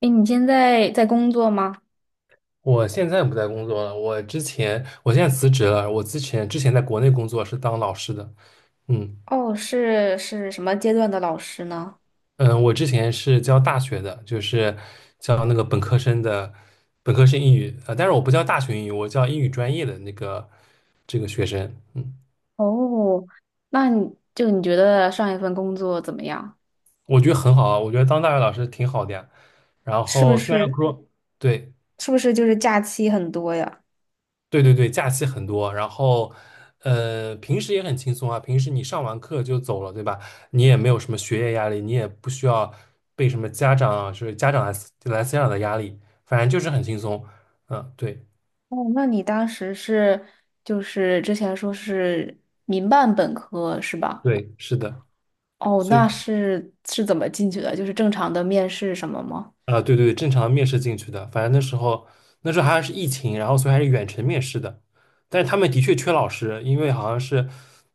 哎，你现在在工作吗？我现在不在工作了，我之前我现在辞职了。我之前在国内工作是当老师的，嗯哦，是什么阶段的老师呢？嗯，我之前是教大学的，就是教那个本科生英语，但是我不教大学英语，我教英语专业的那个这个学生，嗯，哦，那你你觉得上一份工作怎么样？我觉得很好啊，我觉得当大学老师挺好的呀。然是不后虽然是说对，是不是就是假期很多呀？对对对，假期很多，然后平时也很轻松啊。平时你上完课就走了，对吧？你也没有什么学业压力，你也不需要被什么家长来思想的压力，反正就是很轻松。嗯，对哦，那你当时是就是之前说是民办本科是吧？对，是的。哦，所那以是怎么进去的？就是正常的面试什么吗？啊，对对对，正常面试进去的，反正那时候还是疫情，然后所以还是远程面试的。但是他们的确缺老师，因为好像是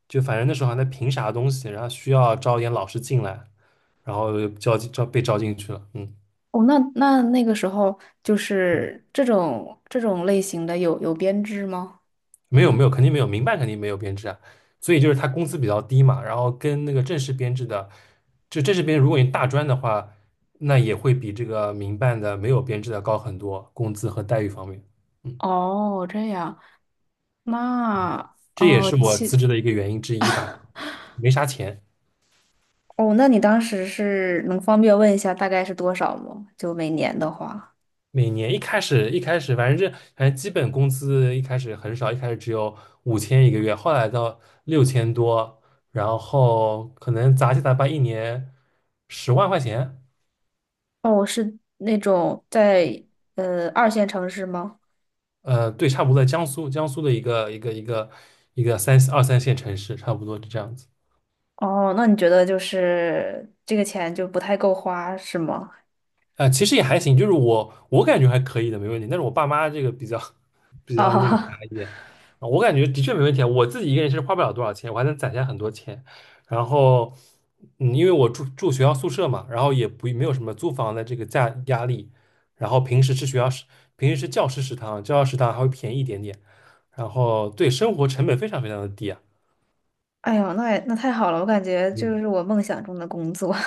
就反正那时候还在评啥东西，然后需要招一点老师进来，然后就招进招被招进去了。嗯。哦，那那个时候就是这种类型的有编制吗？没有没有，肯定没有，民办肯定没有编制啊，所以就是他工资比较低嘛，然后跟那个正式编制的，就正式编制如果你大专的话，那也会比这个民办的没有编制的高很多，工资和待遇方面，嗯，哦，这样。那这也哦，是我辞其职的一个原因之一吧，没啥钱，哦，那你当时是能方便问一下大概是多少吗？就每年的话，每年一开始反正反正基本工资一开始很少，一开始只有5000一个月，后来到6000多，然后可能杂七杂八一年10万块钱。哦，是那种在二线城市吗？对，差不多在江苏，江苏的一个二三线城市，差不多是这样子。哦，那你觉得就是这个钱就不太够花是吗？其实也还行，就是我感觉还可以的，没问题。但是我爸妈这个比较 比较那个啥啊，一点，啊我感觉的确没问题啊。我自己一个人其实花不了多少钱，我还能攒下很多钱。然后，嗯，因为我住学校宿舍嘛，然后也不没有什么租房的这个压力。然后平时吃教师食堂，教师食堂还会便宜一点点。然后对生活成本非常非常的低啊。哎呦，那也那太好了，我感觉就嗯。是我梦想中的工作。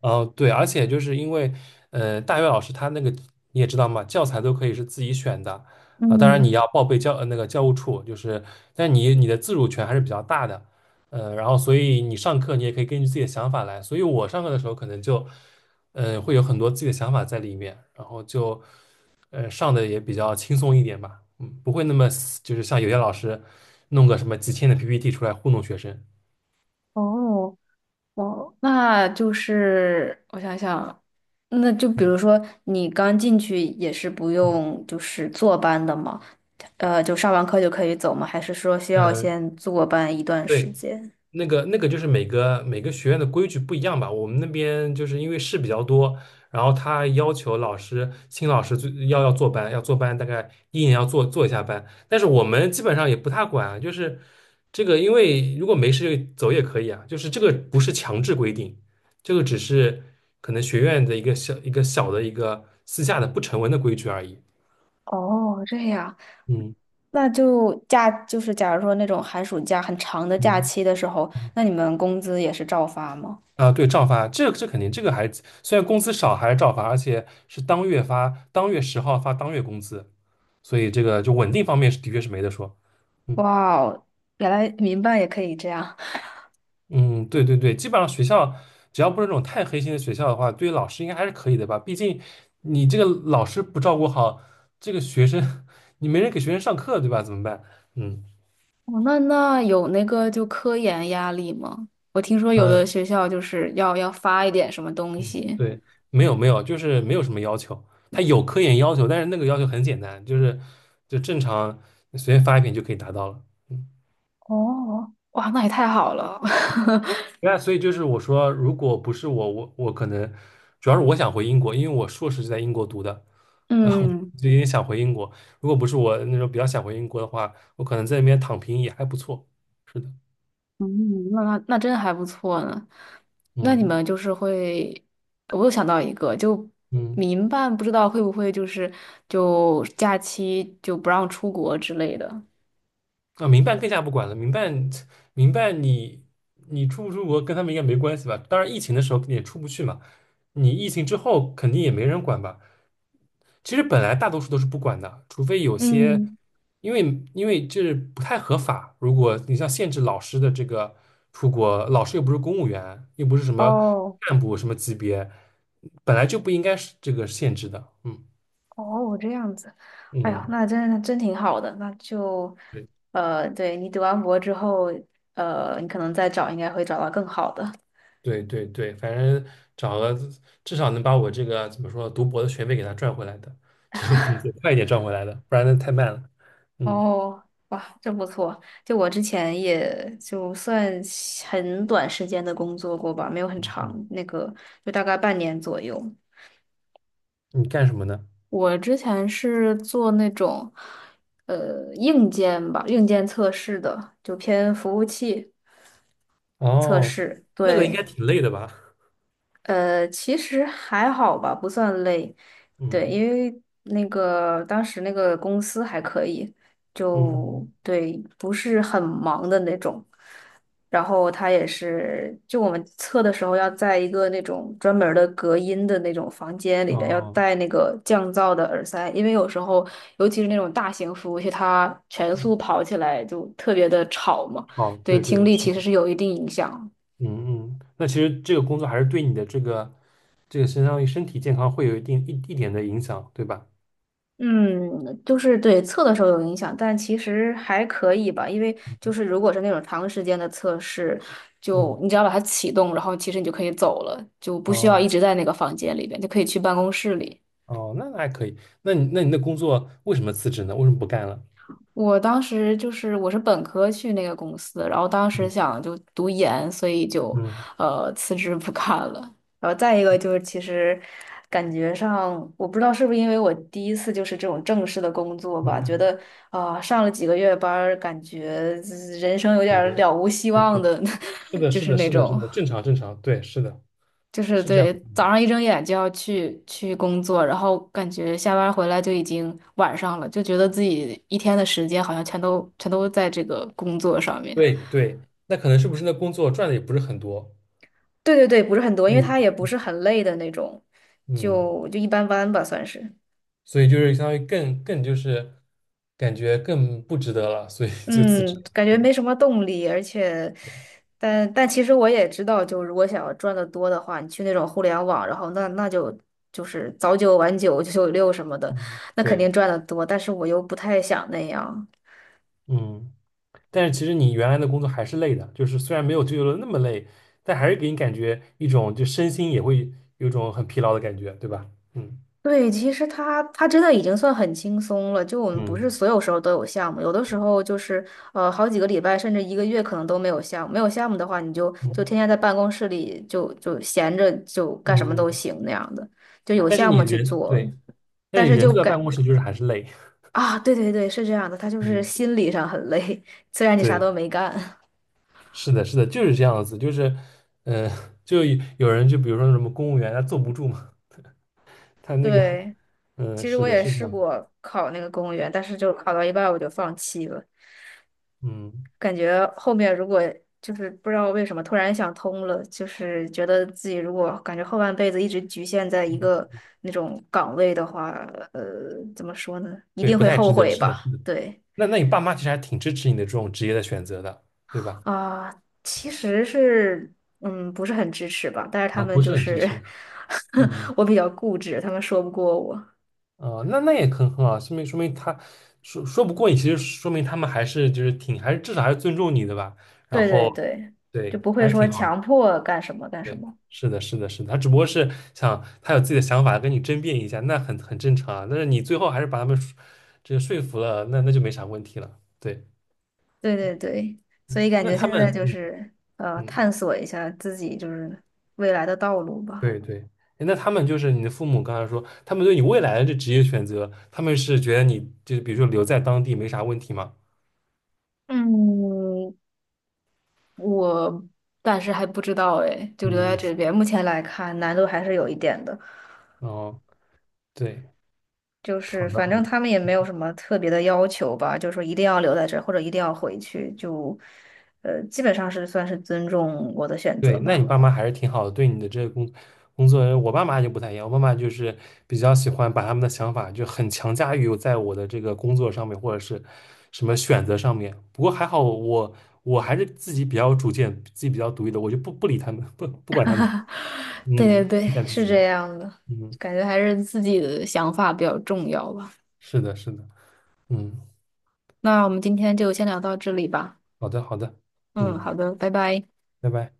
哦，对，而且就是因为，大学老师他那个你也知道嘛，教材都可以是自己选的，啊、当然你嗯，要报备那个教务处，就是，但你的自主权还是比较大的，然后所以你上课你也可以根据自己的想法来，所以我上课的时候可能就，会有很多自己的想法在里面，然后就，上的也比较轻松一点吧，嗯，不会那么死就是像有些老师弄个什么几千的 PPT 出来糊弄学生，哦。哦，那就是我想想，那就比嗯如说你刚进去也是不用就是坐班的吗？就上完课就可以走吗？还是说需嗯，要先坐班一段时对。间？那个就是每个学院的规矩不一样吧。我们那边就是因为事比较多，然后他要求新老师最要坐班，要坐班，大概一年要做做一下班。但是我们基本上也不太管啊就是这个，因为如果没事就走也可以啊，就是这个不是强制规定，这个只是可能学院的一个小的一个私下的不成文的规矩而已。哦，这样，嗯那就假就是假如说那种寒暑假很长的假嗯期的时候，嗯那你们工资也是照发吗？啊，对，照发，这肯定，这个还虽然工资少，还是照发，而且是当月发，当月10号发当月工资，所以这个就稳定方面是的确是没得说。嗯哇哦，原来民办也可以这样。嗯，对对对，基本上学校只要不是那种太黑心的学校的话，对于老师应该还是可以的吧？毕竟你这个老师不照顾好这个学生，你没人给学生上课，对吧？怎么办？嗯。哦，那那有那个就科研压力吗？我听说有的呃学校就是要发一点什么东西。对，没有没有，就是没有什么要求。他有科研要求，但是那个要求很简单，就正常你随便发一篇就可以达到了。嗯，哦，哇，那也太好了。那所以就是我说，如果不是我，我可能主要是我想回英国，因为我硕士是在英国读的，然后嗯我就有点想回英国。如果不是我那时候比较想回英国的话，我可能在那边躺平也还不错。是的，嗯，那真还不错呢。那你嗯们就是会，我又想到一个，就嗯。民办不知道会不会就是就假期就不让出国之类的。啊，民办更加不管了。民办你出不出国跟他们应该没关系吧？当然，疫情的时候也出不去嘛。你疫情之后肯定也没人管吧？其实本来大多数都是不管的，除非有些，嗯，因为因为这不太合法。如果你像限制老师的这个出国，老师又不是公务员，又不是什么哦。干部什么级别，本来就不应该是这个限制的。嗯哦，这样子，哎呦，嗯。那真挺好的。那就，对。对你读完博之后，你可能再找，应该会找到更好的。对对对，反正找个至少能把我这个怎么说读博的学费给他赚回来的，这个工作快一点赚回来的，不然那太慢了。嗯，哦，哇，真不错。就我之前也就算很短时间的工作过吧，没有很嗯长，嗯那个就大概半年左右。你干什么呢？我之前是做那种，硬件吧，硬件测试的，就偏服务器测哦，试，那个应该对。挺累的吧？其实还好吧，不算累。对，因嗯为那个当时那个公司还可以，就嗯，对，不是很忙的那种。然后他也是，就我们测的时候要在一个那种专门儿的隔音的那种房间里哦边，要戴那个降噪的耳塞，因为有时候，尤其是那种大型服务器，它全速嗯跑起来就特别的吵嘛，哦，对对听对力是其实的，是有一定影响。嗯嗯，那其实这个工作还是对你的这个相当于身体健康会有一定一一点的影响，对吧？嗯，就是对测的时候有影响，但其实还可以吧，因为就是如果是那种长时间的测试，就嗯，你只要把它启动，然后其实你就可以走了，就不需要哦一直在那个房间里边，就可以去办公室里。哦，那还可以。那你的工作为什么辞职呢？为什么不干了？我当时就是我是本科去那个公司，然后当时嗯想就读研，所以就嗯。辞职不干了。然后再一个就是其实感觉上，我不知道是不是因为我第一次就是这种正式的工作吧，觉嗯，得啊、上了几个月班儿，感觉人生有点很儿累，了无希对望对，的，是 的，就是是的，那是的，是种。的，正常正常，对，是的，就是是这样对，子，早上一睁眼就要去工作，然后感觉下班回来就已经晚上了，就觉得自己一天的时间好像全都在这个工作上面。对对，那可能是不是那工作赚的也不是很多，对对对，不是很多，所因为以他也不是很累的那种，嗯，就一般般吧，算是。所以就是相当于更就是感觉更不值得了，所以就辞职嗯，了，感觉嗯，没什么动力，而且，对，但其实我也知道，就如果想要赚的多的话，你去那种互联网，然后那就就是早九晚九、九九六什么的，嗯，那肯对，定赚的多。但是我又不太想那样，嗯，但是其实你原来的工作还是累的，就是虽然没有自由的那么累，但还是给你感觉一种就身心也会有一种很疲劳的感觉，对吧？嗯对，其实他真的已经算很轻松了。就我们不嗯是所有时候都有项目，有的时候就是好几个礼拜甚至一个月可能都没有项目。没有项目的话，你就天嗯天在办公室里就闲着就嗯干什么都嗯，行那样的，就有但是项你目去人做。对。那但你是人就坐在感办公室就是还是累。啊，对对对，是这样的，他就是嗯，心理上很累，虽然你啥对，都没干。是的，是的，就是这样子，就是，呃，就有人就比如说什么公务员，他坐不住嘛，他那个，对，嗯、其实是我的，也是这试样，过考那个公务员，但是就考到一半我就放弃了。嗯，感觉后面如果就是不知道为什么突然想通了，就是觉得自己如果感觉后半辈子一直局限在一个那种岗位的话，呃，怎么说呢？一对，定不会太后值得，悔是的，是吧？的。对那那你爸妈其实还挺支持你的这种职业的选择的，对吧？啊，其实是嗯，不是很支持吧，但是他啊，们不是就很支是 持，嗯，我比较固执，他们说不过我。啊、那也很好，说明他说不过你，其实说明他们还是就是挺还是至少还是尊重你的吧，然对对后对，就对，不还会是说挺好的。强迫干什么干什对，么。是的，是的，是的，他只不过是想他有自己的想法跟你争辩一下，那很正常啊。但是你最后还是把他们说这个说服了，那就没啥问题了。对，对对对，所嗯以感那觉他现在们，就嗯是嗯，探索一下自己就是未来的道路吧。对对，诶那他们就是你的父母刚才说，他们对你未来的这职业选择，他们是觉得你就是比如说留在当地没啥问题吗？嗯，我暂时还不知道哎，就留在嗯，这边。目前来看，难度还是有一点的。哦，对，就好是的。反正他们也没有什么特别的要求吧，就是说一定要留在这儿或者一定要回去，就基本上是算是尊重我的选择对，那你吧。爸妈还是挺好的，对你的这个工作，我爸妈就不太一样，我爸妈就是比较喜欢把他们的想法就很强加于在我的这个工作上面，或者是什么选择上面。不过还好我，还是自己比较有主见，自己比较独立的，我就不理他们，不管他们，对对嗯，对，你干自是己这的，样的，嗯，感觉还是自己的想法比较重要吧。是的，是的，嗯，那我们今天就先聊到这里吧。好的，好的，嗯，嗯，好的，拜拜。拜拜。